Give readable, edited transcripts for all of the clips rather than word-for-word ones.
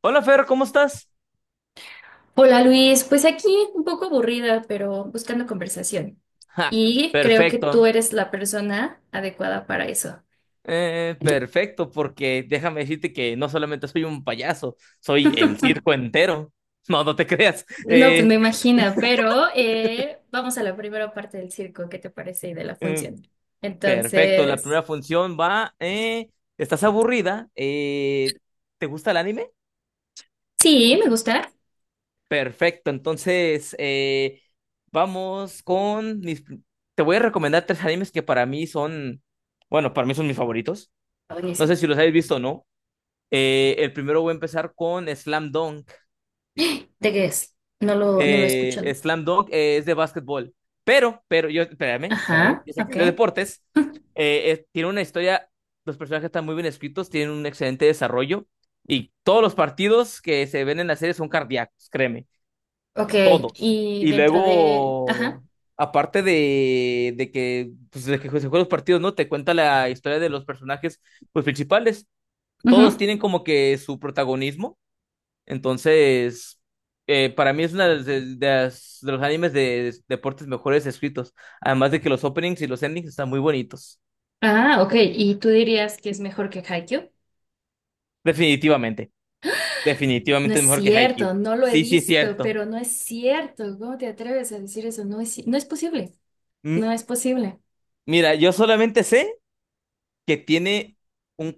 Hola Fer, ¿cómo estás? Hola Luis, pues aquí un poco aburrida, pero buscando conversación. Ja, Y creo que tú perfecto. eres la persona adecuada para eso. Perfecto, porque déjame decirte que no solamente soy un payaso, soy el circo entero. No, no te creas. No, pues me imagino, pero vamos a la primera parte del circo, ¿qué te parece? Y de la eh, función. Perfecto, la Entonces, primera función va. ¿Estás aburrida? ¿Te gusta el anime? sí, me gusta. Está Perfecto, entonces vamos con mis. Te voy a recomendar tres animes que para mí son, bueno, para mí son mis favoritos. No sé buenísimo. si los habéis visto o no. El primero voy a empezar con Slam Dunk. ¿De qué es? No lo he escuchado. Slam Dunk es de básquetbol, pero, espérame, espérame, Ajá, yo sé que es de ok. deportes. Tiene una historia, los personajes están muy bien escritos, tienen un excelente desarrollo y todos los partidos que se ven en la serie son cardíacos, créeme, Ok, todos. y Y dentro de... Ajá. luego, aparte de que se juegan los partidos, ¿no? Te cuenta la historia de los personajes pues, principales. Todos Ujú. tienen como que su protagonismo. Entonces, para mí es una de los animes de deportes mejores escritos. Además de que los openings y los endings están muy bonitos. Ah, ok. ¿Y tú dirías que es mejor que Haikyuu? Definitivamente. No Definitivamente es es mejor que cierto, Haikyuu. no lo he Sí, sí, es visto, cierto. pero no es cierto. ¿Cómo te atreves a decir eso? No es posible, Mm, no es posible. Mira, yo solamente sé que tiene un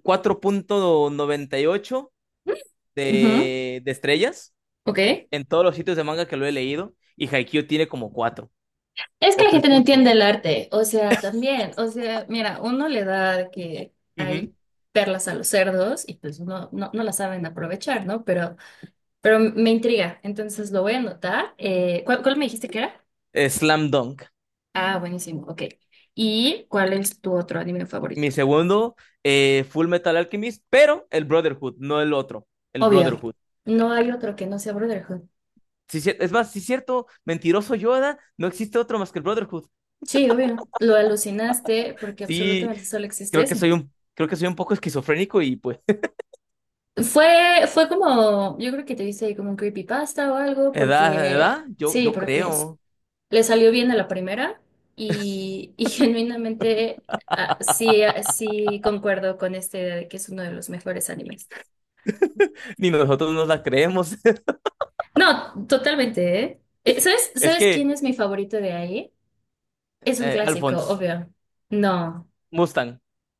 4.98 Ujú. de estrellas Ok. en todos los sitios de manga que lo he leído. Y Haikyuu tiene como 4 Es que o la gente no entiende el 3.8. arte, o sea, también, o sea, mira, uno le da de que hay Ujú. perlas a los cerdos y pues uno no, no las saben aprovechar, ¿no? Pero me intriga, entonces lo voy a anotar. ¿Cuál, cuál me dijiste que era? Slam Dunk. Ah, buenísimo, ok. ¿Y cuál es tu otro anime favorito? Mi segundo, Full Metal Alchemist, pero el Brotherhood, no el otro, el Obvio, Brotherhood. no hay otro que no sea Brotherhood. Sí, es más, sí es cierto, mentiroso Yoda, no existe otro más que el Brotherhood. Sí, obvio. Lo alucinaste porque Sí, absolutamente solo existe creo que ese. soy un, creo que soy un poco esquizofrénico y pues, Fue, fue como, yo creo que te hice como un creepypasta o algo, edad, porque edad, sí, yo creo. le salió bien a la primera y genuinamente ah, sí, ah, sí concuerdo con esta idea de que es uno de los mejores animes. Ni nosotros nos la creemos. No, totalmente, ¿eh? ¿Sabes, Es sabes quién que, es mi favorito de ahí? Es un clásico, Alphonse, obvio. No, Mustang,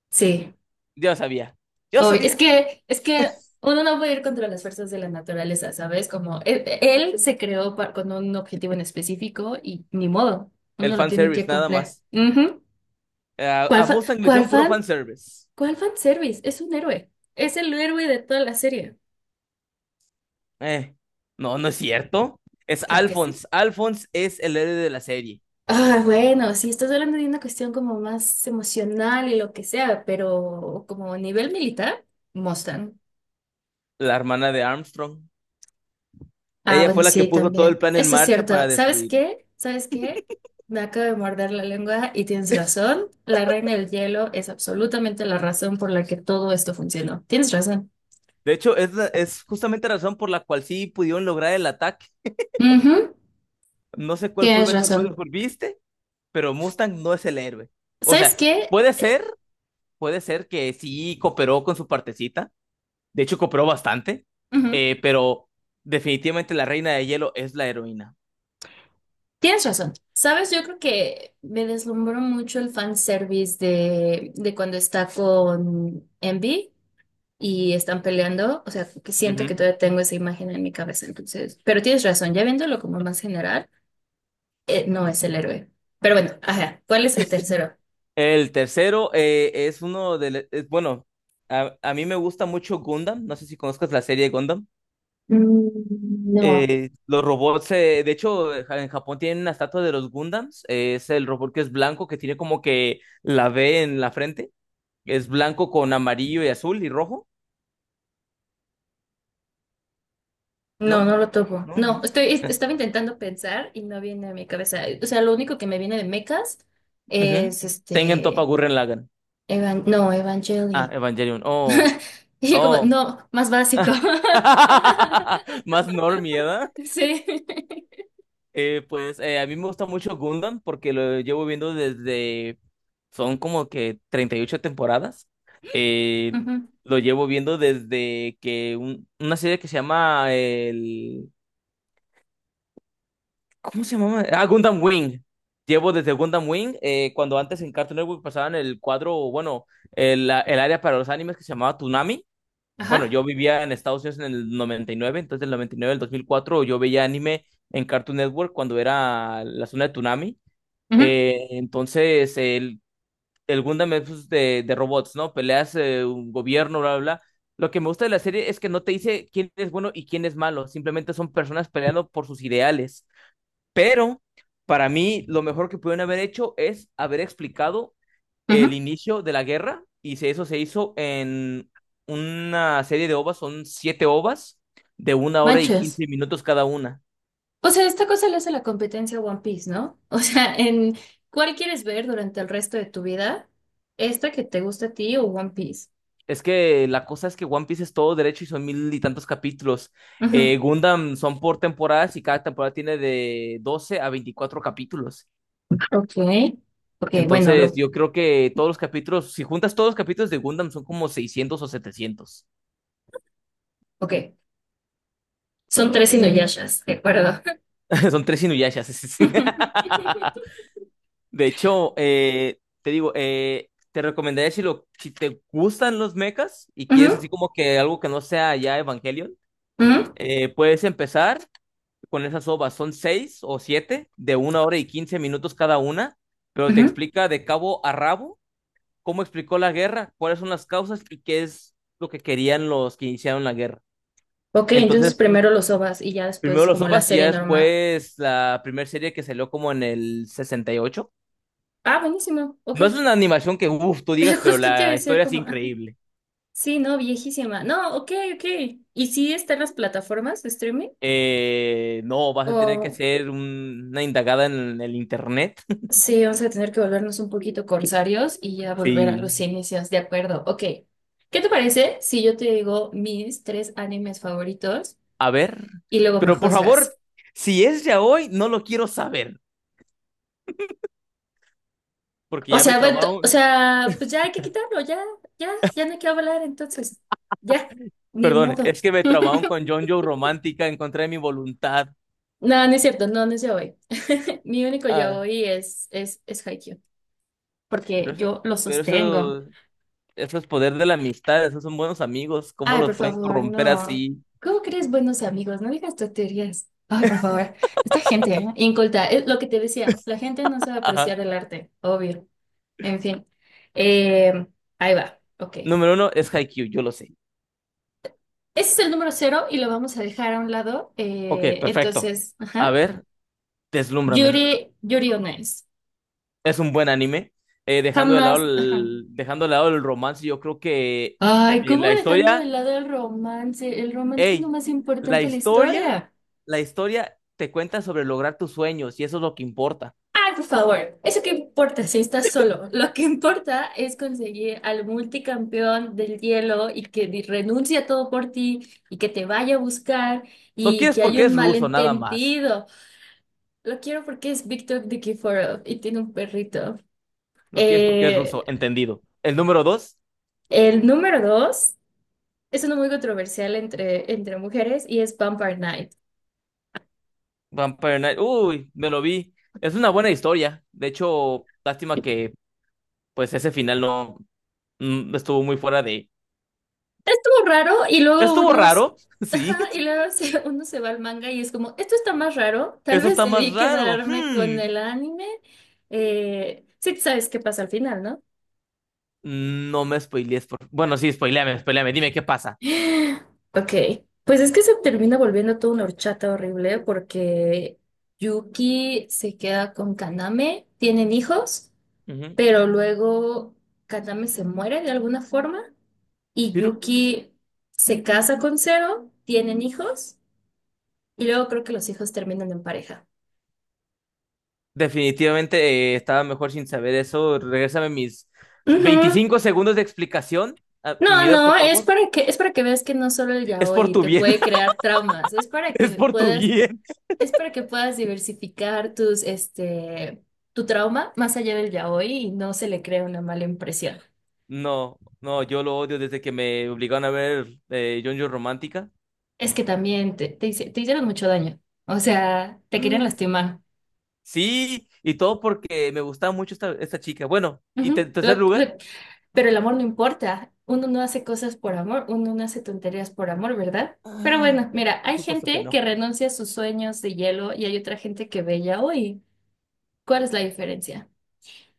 sí. yo sabía, yo Obvio. Es sabía. que, es que uno no puede ir contra las fuerzas de la naturaleza, ¿sabes? Como él, se creó con un objetivo en específico y ni modo, El uno lo tiene fanservice, que nada cumplir. más. Ujú. A ¿Cuál fan? Mustang le ¿Cuál hicieron puro fan? fanservice. ¿Cuál fan service? Es un héroe. Es el héroe de toda la serie. Eh, no, no es cierto. Es Claro que sí. Alphonse. Alphonse es el héroe de la serie, Ah, bueno, si estás hablando de una cuestión como más emocional y lo que sea, pero como a nivel militar, Mustang. la hermana de Armstrong. Ah, Ella bueno, fue la que sí, puso todo el también. plan en Eso es marcha cierto. para ¿Sabes destruirlo. qué? ¿Sabes qué? Me acabo de morder la lengua y tienes razón. La reina del hielo es absolutamente la razón por la que todo esto funcionó. Tienes razón. De hecho, es justamente la razón por la cual sí pudieron lograr el ataque. Ujú. No sé cuál Full Tienes Metal razón. Brotherhood viste, pero Mustang no es el héroe. O ¿Sabes sea, qué? puede ser, puede ser que sí cooperó con su partecita. De hecho, cooperó bastante. Ujú. Pero definitivamente la Reina de Hielo es la heroína. Tienes razón. ¿Sabes? Yo creo que me deslumbró mucho el fanservice de cuando está con Envy y están peleando. O sea, que siento que Ujú. todavía tengo esa imagen en mi cabeza, entonces. Pero tienes razón, ya viéndolo como más general. No es el héroe. Pero bueno, ajá, ¿cuál es el tercero? El tercero es uno de... le- es- bueno, a, mí me gusta mucho Gundam. No sé si conozcas la serie Gundam. Mm, no. Los robots, de hecho, en Japón tienen una estatua de los Gundams. Es el robot que es blanco, que tiene como que la V en la frente. Es blanco con amarillo y azul y rojo. No, No, no lo topo. no, No, no. estoy, est- Eh, Estaba intentando pensar y no viene a mi cabeza. O sea, lo único que me viene de mechas Ujú. es Tengen Toppa este. Gurren Lagann. No, Ah, Evangelion. Evangelion. Oh, Y yo como, oh. no, más básico. Más normie. Sí. Pues a mí me gusta mucho Gundam porque lo llevo viendo desde, son como que 38 temporadas. Eh, Ujú. lo llevo viendo desde que una serie que se llama el, ¿cómo se llama? Ah, Gundam Wing. Llevo desde Gundam Wing, cuando antes en Cartoon Network pasaban el cuadro, bueno, el área para los animes que se llamaba Toonami. Bueno, yo Ajá. vivía en Estados Unidos en el 99. Entonces, del 99 al 2004 yo veía anime en Cartoon Network cuando era la zona de Toonami. Ujú, Entonces, el Gundam es pues, de robots, ¿no? Peleas un gobierno, bla, bla, bla. Lo que me gusta de la serie es que no te dice quién es bueno y quién es malo, simplemente son personas peleando por sus ideales. Pero para mí, lo mejor que pudieron haber hecho es haber explicado el ujú. inicio de la guerra, y eso se hizo en una serie de ovas, son siete ovas de una hora y Manches. 15 minutos cada una. O sea, esta cosa le hace la competencia a One Piece, ¿no? O sea, en ¿cuál quieres ver durante el resto de tu vida? ¿Esta que te gusta a ti o One Piece? Es que la cosa es que One Piece es todo derecho y son mil y tantos capítulos. Ujú. Gundam son por temporadas y cada temporada tiene de 12 a 24 capítulos. Ok. Ok, bueno, Entonces, lo, yo creo que todos los capítulos, si juntas todos los capítulos de Gundam, son como 600 o 700. ok. Son tres Inuyashas, de acuerdo. Son tres Inuyashas. De hecho, te digo, te recomendaría si te gustan los mechas y Ujú, quieres así como que algo que no sea ya Evangelion, ujú, puedes empezar con esas ovas. Son seis o siete de una hora y quince minutos cada una, pero te ujú. explica de cabo a rabo cómo explicó la guerra, cuáles son las causas y qué es lo que querían los que iniciaron la guerra. Ok, entonces Entonces, primero los OVAs y ya primero después los como la ovas y ya serie normal. después la primera serie que salió como en el 68. Ah, buenísimo, ok. No es una animación que, uff, tú digas, pero Justo te iba a la decir historia es como, ah, increíble. sí, no, viejísima. No, ok, ok. ¿Y sí están las plataformas de streaming? No, vas a tener que ¿O...? hacer una indagada en el internet. Sí, vamos a tener que volvernos un poquito corsarios y ya volver a Sí, los inicios. De acuerdo, ok. ¿Qué te parece si yo te digo mis tres animes favoritos a ver, y luego me pero por juzgas? favor, si es ya hoy, no lo quiero saber, porque O ya me sea, bueno, o traumaron, sea, pues ya hay que quitarlo, ya, ya, ya no hay que hablar entonces. Ya, ni perdón, modo. es que me traumaron con John Joe Romántica en contra de mi voluntad. No, no es cierto, no, no es yaoi. Mi único Ah, yaoi es Haikyuu, pero porque eso, yo lo pero sostengo. eso, eso es poder de la amistad, esos son buenos amigos, ¿cómo Ay, por los pueden favor, corromper no. así? ¿Cómo crees buenos amigos? No digas tonterías. Ay, por favor. Esta gente, ¿eh? Inculta. Es lo que te decía. La gente no sabe apreciar Ajá. el arte, obvio. En fin. Eh, ahí va. Ok. Ese Número uno es Haikyuu, yo lo sé. es el número cero y lo vamos a dejar a un lado. Ok, perfecto. Entonces, A ajá. ver, deslúmbrame. Yuri on Ice. Es un buen anime. Dejando de lado Jamás. Ajá. el, dejando de lado el romance, yo creo que Ay, ¿cómo la dejando de historia. lado el romance? El romance es lo Hey, más la importante de la historia, historia. la historia te cuenta sobre lograr tus sueños y eso es lo que importa. Ay, por favor, ¿eso qué importa si estás solo? Lo que importa es conseguir al multicampeón del hielo y que renuncie a todo por ti y que te vaya a buscar Lo y quieres que haya porque un es ruso, nada más. malentendido. Lo quiero porque es Victor Nikiforov y tiene un perrito. Lo quieres porque es ruso, Eh, entendido. El número dos, el número dos es uno muy controversial entre, entre mujeres y es Vampire Knight. Vampire Knight. Uy, me lo vi. Es una buena historia. De hecho, lástima que pues ese final no estuvo muy fuera de. Raro y luego Estuvo unos, raro, sí. ajá, y luego uno se va al manga y es como, esto está más raro, tal Eso vez está más debí raro. quedarme con Hmm. el anime. Sí, sabes qué pasa al final, ¿no? No me spoilees. Bueno, sí, spoileame, spoileame. Dime qué pasa. Ok, pues es que se termina volviendo toda una horchata horrible porque Yuki se queda con Kaname, tienen hijos, Ujú. pero luego Kaname se muere de alguna forma y Pero Yuki se casa con Zero, tienen hijos. Y luego creo que los hijos terminan en pareja. definitivamente estaba mejor sin saber eso. Regrésame mis Ujú. 25 segundos de explicación a mi No, vida, no, por Es favor. para que, es para que veas que no solo el Es por yaoi tu te bien, puede crear traumas, es para es que por tu puedas, bien. es para que puedas diversificar tus, este, tu trauma más allá del yaoi y no se le crea una mala impresión. No, no, yo lo odio desde que me obligaron a ver JoJo Romántica. Es que también te hicieron mucho daño. O sea, te querían lastimar. Sí, y todo porque me gustaba mucho esta chica. Bueno, Ujú. en tercer lugar, Pero el amor no importa. Uno no hace cosas por amor, uno no hace tonterías por amor, ¿verdad? Pero ah, bueno, mira, por hay supuesto que gente no. que renuncia a sus sueños de hielo y hay otra gente que bella hoy. ¿Cuál es la diferencia?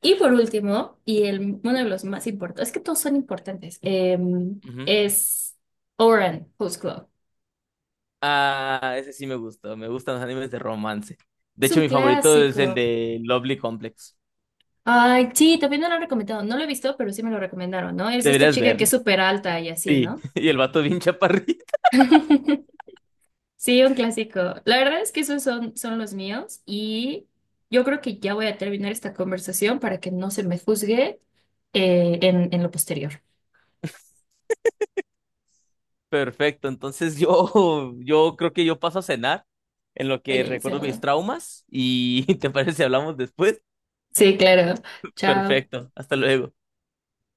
Y por último, uno de los más importantes, es que todos son importantes, Ujú. es Oren Who's Club. Ah, ese sí me gusta, me gustan los animes de romance. De Es hecho, un mi favorito es el clásico. de Lovely Complex. Ay, sí, también me lo han recomendado. No lo he visto, pero sí me lo recomendaron, ¿no? Es de esta Deberías chica que es verlo. súper alta y así, Sí, ¿no? y el vato bien chaparrito. Sí, un clásico. La verdad es que esos son, son los míos y yo creo que ya voy a terminar esta conversación para que no se me juzgue en lo posterior. Perfecto, entonces yo creo que yo paso a cenar en lo que recuerdo Buenísimo. mis traumas y ¿te parece si hablamos después? Sí, claro. Chao. Perfecto, hasta luego.